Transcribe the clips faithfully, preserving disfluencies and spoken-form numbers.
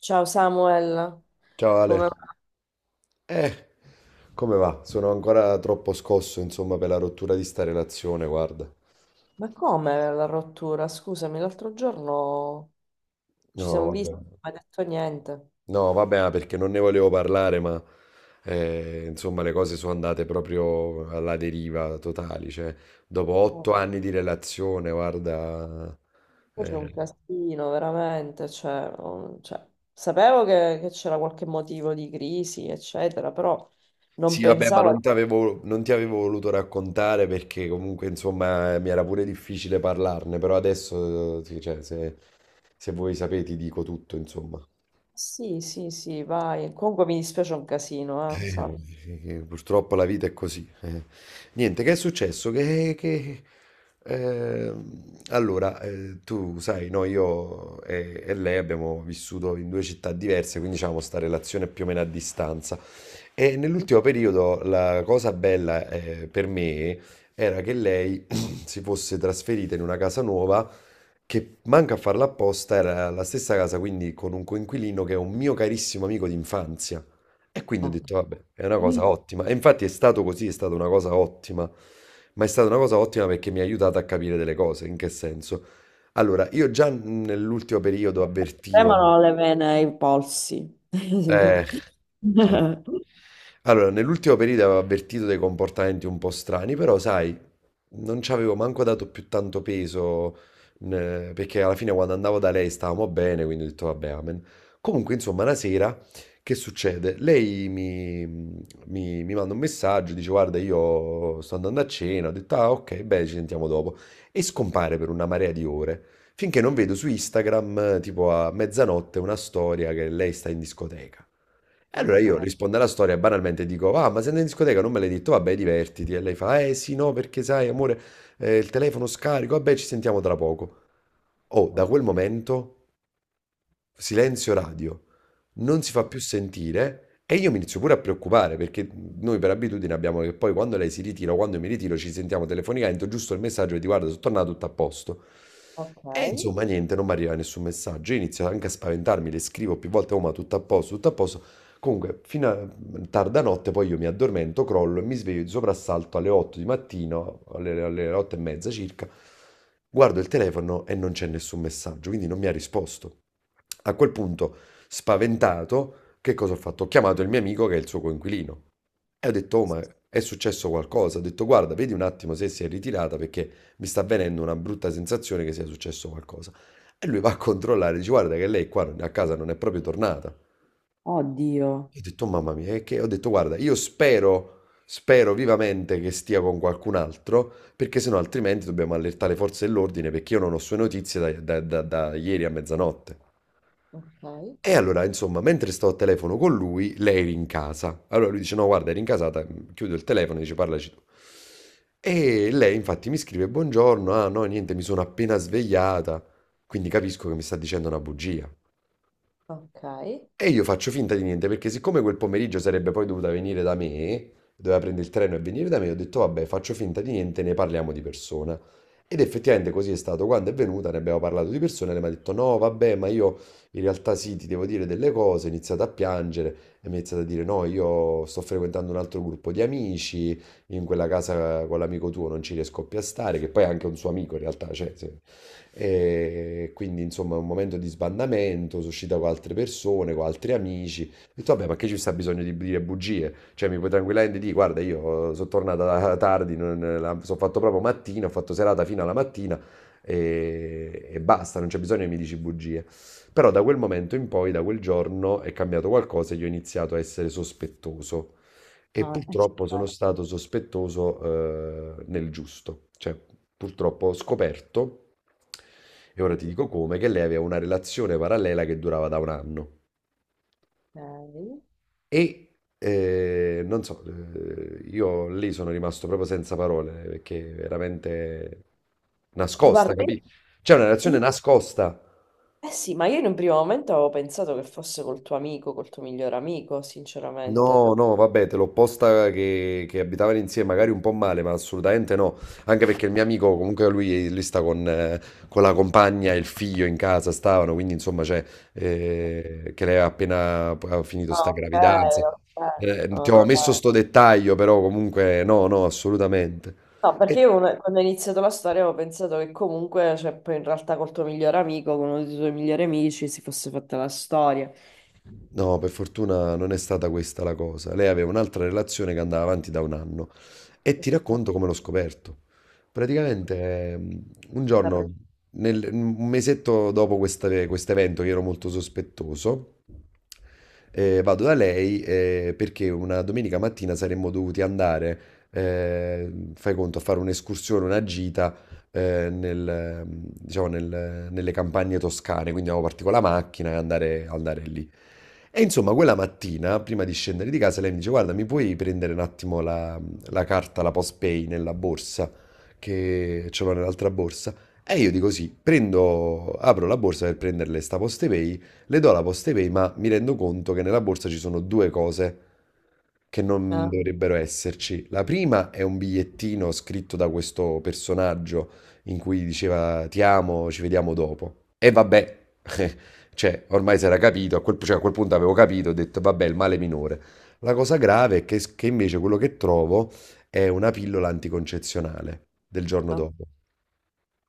Ciao Samuel, Ciao Ale, come va? eh, come va? Sono ancora troppo scosso, insomma, per la rottura di sta relazione, guarda. Ma come la rottura? Scusami, l'altro giorno ci No, siamo vabbè, visti, non mi hai detto niente. no, vabbè, ma perché non ne volevo parlare, ma eh, insomma, le cose sono andate proprio alla deriva totali, cioè, dopo Oh, otto anni di relazione, guarda. poi c'è un eh, casino, veramente. Cioè, non- cioè, sapevo che che c'era qualche motivo di crisi, eccetera, però non Sì, vabbè, ma non pensavo. ti avevo, non ti avevo voluto raccontare perché comunque, insomma, eh, mi era pure difficile parlarne, però adesso, eh, sì, cioè, se, se vuoi sapere, ti dico tutto, insomma. Sì, sì, sì, vai. Comunque mi dispiace un casino, eh, Eh, no, sappi. eh, eh, purtroppo la vita è così. eh. Niente, che è successo? Che, che- eh, allora, eh, tu sai, no, io e, e lei abbiamo vissuto in due città diverse, quindi diciamo sta relazione è più o meno a distanza. E nell'ultimo periodo la cosa bella eh, per me era che lei si fosse trasferita in una casa nuova che manca a farla apposta, era la stessa casa quindi con un coinquilino che è un mio carissimo amico d'infanzia. E quindi ho Ok. detto, vabbè, è una cosa ottima. E infatti è stato così, è stata una cosa ottima. Ma è stata una cosa ottima perché mi ha aiutato a capire delle cose. In che senso? Allora, io già nell'ultimo periodo avvertivo. Tremano le vene ai polsi. Eh. eh. Allora, nell'ultimo periodo avevo avvertito dei comportamenti un po' strani, però sai, non ci avevo manco dato più tanto peso, n- perché alla fine quando andavo da lei stavamo bene, quindi ho detto vabbè, amen. Comunque, insomma, una sera, che succede? Lei mi, mi- mi manda un messaggio, dice guarda, io sto andando a cena, ho detto ah ok, beh, ci sentiamo dopo, e scompare per una marea di ore. Finché non vedo su Instagram, eh, tipo a mezzanotte, una storia che lei sta in discoteca. E allora Ok, io rispondo alla storia e banalmente dico, ah, ma sei andata in discoteca? Non me l'hai detto, vabbè, divertiti. E lei fa, eh sì, no, perché sai, amore, eh, il telefono scarico, vabbè, ci sentiamo tra poco. Oh, da ok. quel momento silenzio radio, non si fa Ok, più sentire e io mi inizio pure a preoccupare perché noi per abitudine abbiamo che poi quando lei si ritira o quando io mi ritiro ci sentiamo telefonicamente, giusto il messaggio che ti guarda, sono tornato tutto a posto. ok. E insomma niente, non mi arriva nessun messaggio, io inizio anche a spaventarmi, le scrivo più volte, oh ma tutto a posto, tutto a posto. Comunque, fino a tarda notte poi io mi addormento, crollo e mi sveglio di soprassalto alle otto di mattino, alle, alle otto e mezza circa, guardo il telefono e non c'è nessun messaggio, quindi non mi ha risposto. A quel punto, spaventato, che cosa ho fatto? Ho chiamato il mio amico che è il suo coinquilino e ho detto, oh, ma è successo qualcosa? Ho detto, guarda, vedi un attimo se si è ritirata perché mi sta avvenendo una brutta sensazione che sia successo qualcosa. E lui va a controllare, dice, guarda che lei qua non- a casa non è proprio tornata. Oddio. E ho detto, "Oh, mamma mia, e che? Ho detto, guarda, io spero, spero vivamente che stia con qualcun altro, perché sennò altrimenti dobbiamo allertare le forze dell'ordine, perché io non ho sue notizie da da- da- da ieri a mezzanotte. Ok, E allora, insomma, mentre sto al telefono con lui, lei eri in casa. Allora lui dice: No, guarda, eri in casata. Chiudo il telefono e dice: Parlaci tu. E lei, infatti, mi scrive: Buongiorno. Ah, no, niente, mi sono appena svegliata. Quindi capisco che mi sta dicendo una bugia. ok. E io faccio finta di niente perché siccome quel pomeriggio sarebbe poi dovuta venire da me, doveva prendere il treno e venire da me, ho detto vabbè, faccio finta di niente, ne parliamo di persona. Ed effettivamente così è stato. Quando è venuta ne abbiamo parlato di persona e lei mi ha detto no, vabbè, ma io in realtà sì, ti devo dire delle cose, ho iniziato a piangere e mi ha iniziato a dire no, io sto frequentando un altro gruppo di amici, in quella casa con l'amico tuo non ci riesco più a stare, che poi è anche un suo amico in realtà, cioè, sì. E quindi insomma un momento di sbandamento, sono uscita con altre persone, con altri amici. Ho detto vabbè ma che ci sta bisogno di dire bugie? Cioè mi puoi tranquillamente dire guarda io sono tornata tardi, non- la- sono fatto proprio mattina, ho fatto serata fino alla mattina e, e basta, non c'è bisogno che mi dici bugie. Però da quel momento in poi, da quel giorno, è cambiato qualcosa e io ho iniziato a essere sospettoso. E Ah, eh, sì. purtroppo sono stato sospettoso, eh, nel giusto, cioè purtroppo ho scoperto, e ora ti dico come, che lei aveva una relazione parallela che durava da un anno. Ok. E eh, non so, eh, io lì sono rimasto proprio senza parole, perché veramente nascosta, Guarda, io- capito? C'è una relazione io- nascosta. eh sì, ma io in un primo momento avevo pensato che fosse col tuo amico, col tuo miglior amico, sinceramente. No, no, vabbè, te l'ho posta che, che abitavano insieme, magari un po' male, ma assolutamente no. Anche perché il mio amico, comunque lui, lui sta con, eh, con la compagna e il figlio in casa, stavano, quindi insomma, cioè, eh, che lei ha appena ha finito Ah, sta ok, gravidanza. ok, Eh, ti ho messo ok. sto dettaglio, però comunque no, no, assolutamente. No, perché io quando quando ho iniziato la storia avevo pensato che comunque, cioè, poi in realtà col tuo migliore amico, con uno dei tuoi migliori amici, si fosse fatta la storia. No, per fortuna non è stata questa la cosa. Lei aveva un'altra relazione che andava avanti da un anno e ti racconto come l'ho scoperto. Praticamente ehm, un giorno, nel- un mesetto dopo questa- questo evento, che ero molto sospettoso, eh, vado da lei eh, perché una domenica mattina saremmo dovuti andare, eh, fai conto, a fare un'escursione, una gita eh, nel, diciamo, nel- nelle campagne toscane, quindi avevo partito con la macchina e andare, andare lì. E insomma, quella mattina, prima di scendere di casa, lei mi dice: Guarda, mi puoi prendere un attimo la, la carta, la postpay nella borsa, che ce l'ho nell'altra borsa. E io dico sì, prendo, apro la borsa per prenderle sta postepay, le do la postepay, ma mi rendo conto che nella borsa ci sono due cose che non Ah, dovrebbero esserci. La prima è un bigliettino scritto da questo personaggio in cui diceva ti amo, ci vediamo dopo. E vabbè, cioè, ormai si era capito, a quel, cioè, a quel punto avevo capito, ho detto vabbè, il male minore. La cosa grave è che, che invece quello che trovo è una pillola anticoncezionale del giorno dopo.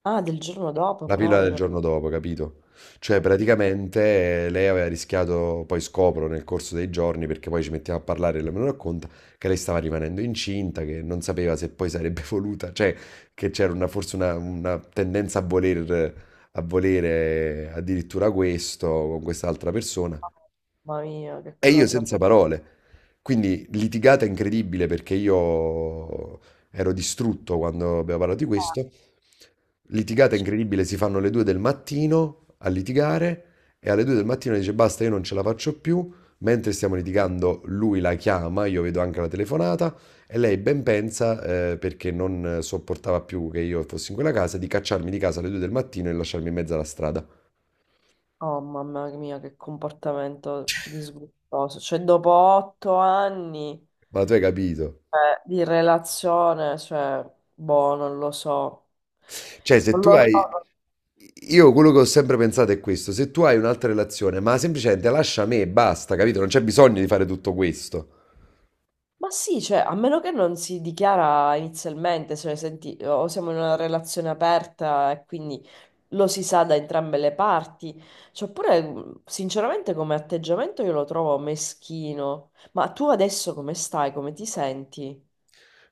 ah, del giorno dopo La pillola del proprio. giorno dopo, capito? Cioè, Ok. praticamente eh, lei aveva rischiato, poi scopro nel corso dei giorni, perché poi ci mettiamo a parlare e lei me lo racconta, che lei stava rimanendo incinta, che non sapeva se poi sarebbe voluta, cioè che c'era una- forse una, una tendenza a voler, a volere addirittura questo con quest'altra persona. Mamma mia, che E io cosa. senza parole. Quindi litigata incredibile perché io ero distrutto quando abbiamo parlato di questo. Litigata incredibile, si fanno le due del mattino a litigare e alle due del mattino dice basta, io non ce la faccio più. Mentre stiamo litigando, lui la chiama, io vedo anche la telefonata e lei ben pensa, eh, perché non sopportava più che io fossi in quella casa, di cacciarmi di casa alle due del mattino e lasciarmi in mezzo alla strada. Oh, mamma mia, che comportamento disgustoso. Cioè, dopo otto anni, Ma tu hai capito? eh, di relazione, cioè, boh, non lo so. Cioè, se Non tu lo hai. so. Io quello che ho sempre pensato è questo, se tu hai un'altra relazione, ma semplicemente lascia me e basta, capito? Non c'è bisogno di fare tutto questo. Ma sì, cioè, a meno che non si dichiara inizialmente, se ne senti, o siamo in una relazione aperta e quindi lo si sa da entrambe le parti. Cioè, oppure, mh, sinceramente, come atteggiamento io lo trovo meschino. Ma tu adesso come stai? Come ti senti?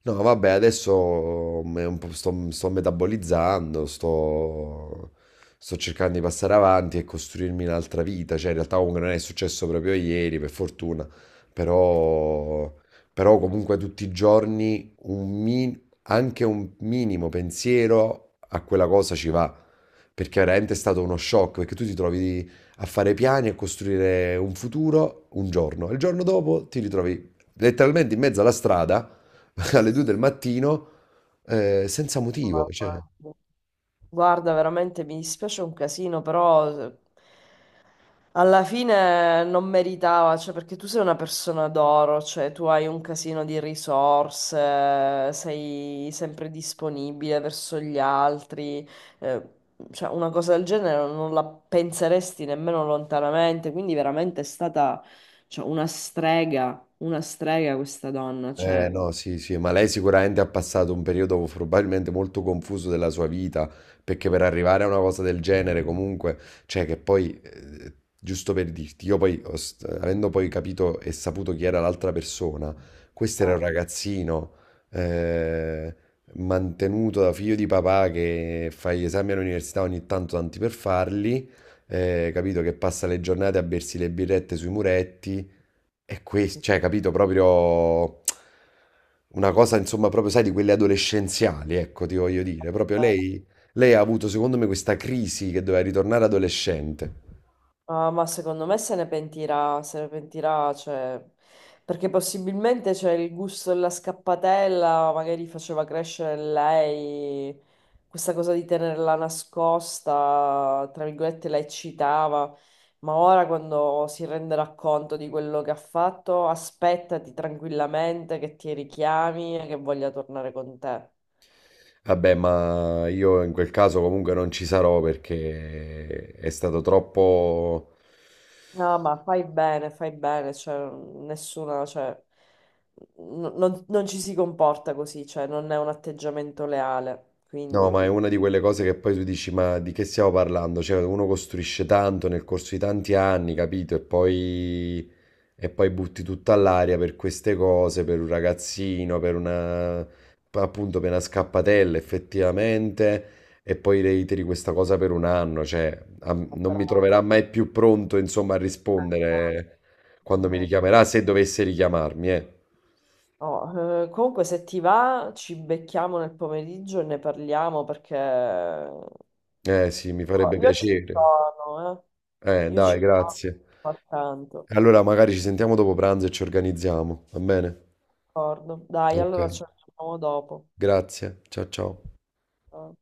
No, vabbè, adesso mm, è un po' sto, sto metabolizzando, sto, sto cercando di passare avanti e costruirmi un'altra vita. Cioè, in realtà comunque non è successo proprio ieri, per fortuna, però, però comunque tutti i giorni un mi- anche un minimo pensiero a quella cosa ci va, perché veramente è stato uno shock, perché tu ti trovi a fare piani e a costruire un futuro un giorno, e il giorno dopo ti ritrovi letteralmente in mezzo alla strada alle due del mattino, ehm, senza motivo, cioè. Mamma mia. Guarda, veramente mi dispiace un casino, però eh, alla fine non meritava, cioè perché tu sei una persona d'oro, cioè tu hai un casino di risorse, sei sempre disponibile verso gli altri, eh, cioè una cosa del genere non la penseresti nemmeno lontanamente, quindi veramente è stata, cioè, una strega, una strega questa donna, Eh cioè... no, sì, sì, ma lei sicuramente ha passato un periodo probabilmente molto confuso della sua vita, perché per arrivare a una cosa del genere comunque, cioè che poi, eh, giusto per dirti, io poi, ho st- avendo poi capito e saputo chi era l'altra persona, questo era un Ah. ragazzino eh, mantenuto da figlio di papà che fa gli esami all'università ogni tanto tanti per farli, eh, capito che passa le giornate a bersi le birrette sui muretti è questo, cioè, capito, proprio una cosa, insomma, proprio, sai, di quelle adolescenziali, ecco, ti voglio dire. Proprio lei, lei ha avuto, secondo me, questa crisi che doveva ritornare adolescente. Ah, ma secondo me se ne pentirà, se ne pentirà, cioè, perché possibilmente c'è il gusto della scappatella, magari faceva crescere in lei questa cosa di tenerla nascosta, tra virgolette la eccitava, ma ora quando si renderà conto di quello che ha fatto, aspettati tranquillamente che ti richiami e che voglia tornare con te. Vabbè, ma io in quel caso comunque non ci sarò perché è stato troppo. No, ma fai bene, fai bene, cioè, nessuna, cioè, n- non, non ci si comporta così, cioè, non è un atteggiamento leale, No, quindi... ma è una di quelle cose che poi tu dici, ma di che stiamo parlando? Cioè, uno costruisce tanto nel corso di tanti anni, capito? E poi E poi butti tutto all'aria per queste cose, per un ragazzino, per una, appunto, per una scappatella effettivamente, e poi reiteri questa cosa per un anno, cioè a- non mi Bravo. troverà mai più pronto, insomma, a Eh, rispondere quando mi esatto. richiamerà, se dovesse richiamarmi, eh. Oh, eh, comunque se ti va ci becchiamo nel pomeriggio e ne parliamo perché oh, Eh sì, mi farebbe io ci piacere. sono, Eh, eh. Io dai, ci sono, grazie. ma tanto, Allora magari ci sentiamo dopo pranzo e ci organizziamo, va bene? d'accordo. Dai, Ok. allora ci aggiorniamo dopo. Grazie, ciao ciao. Eh.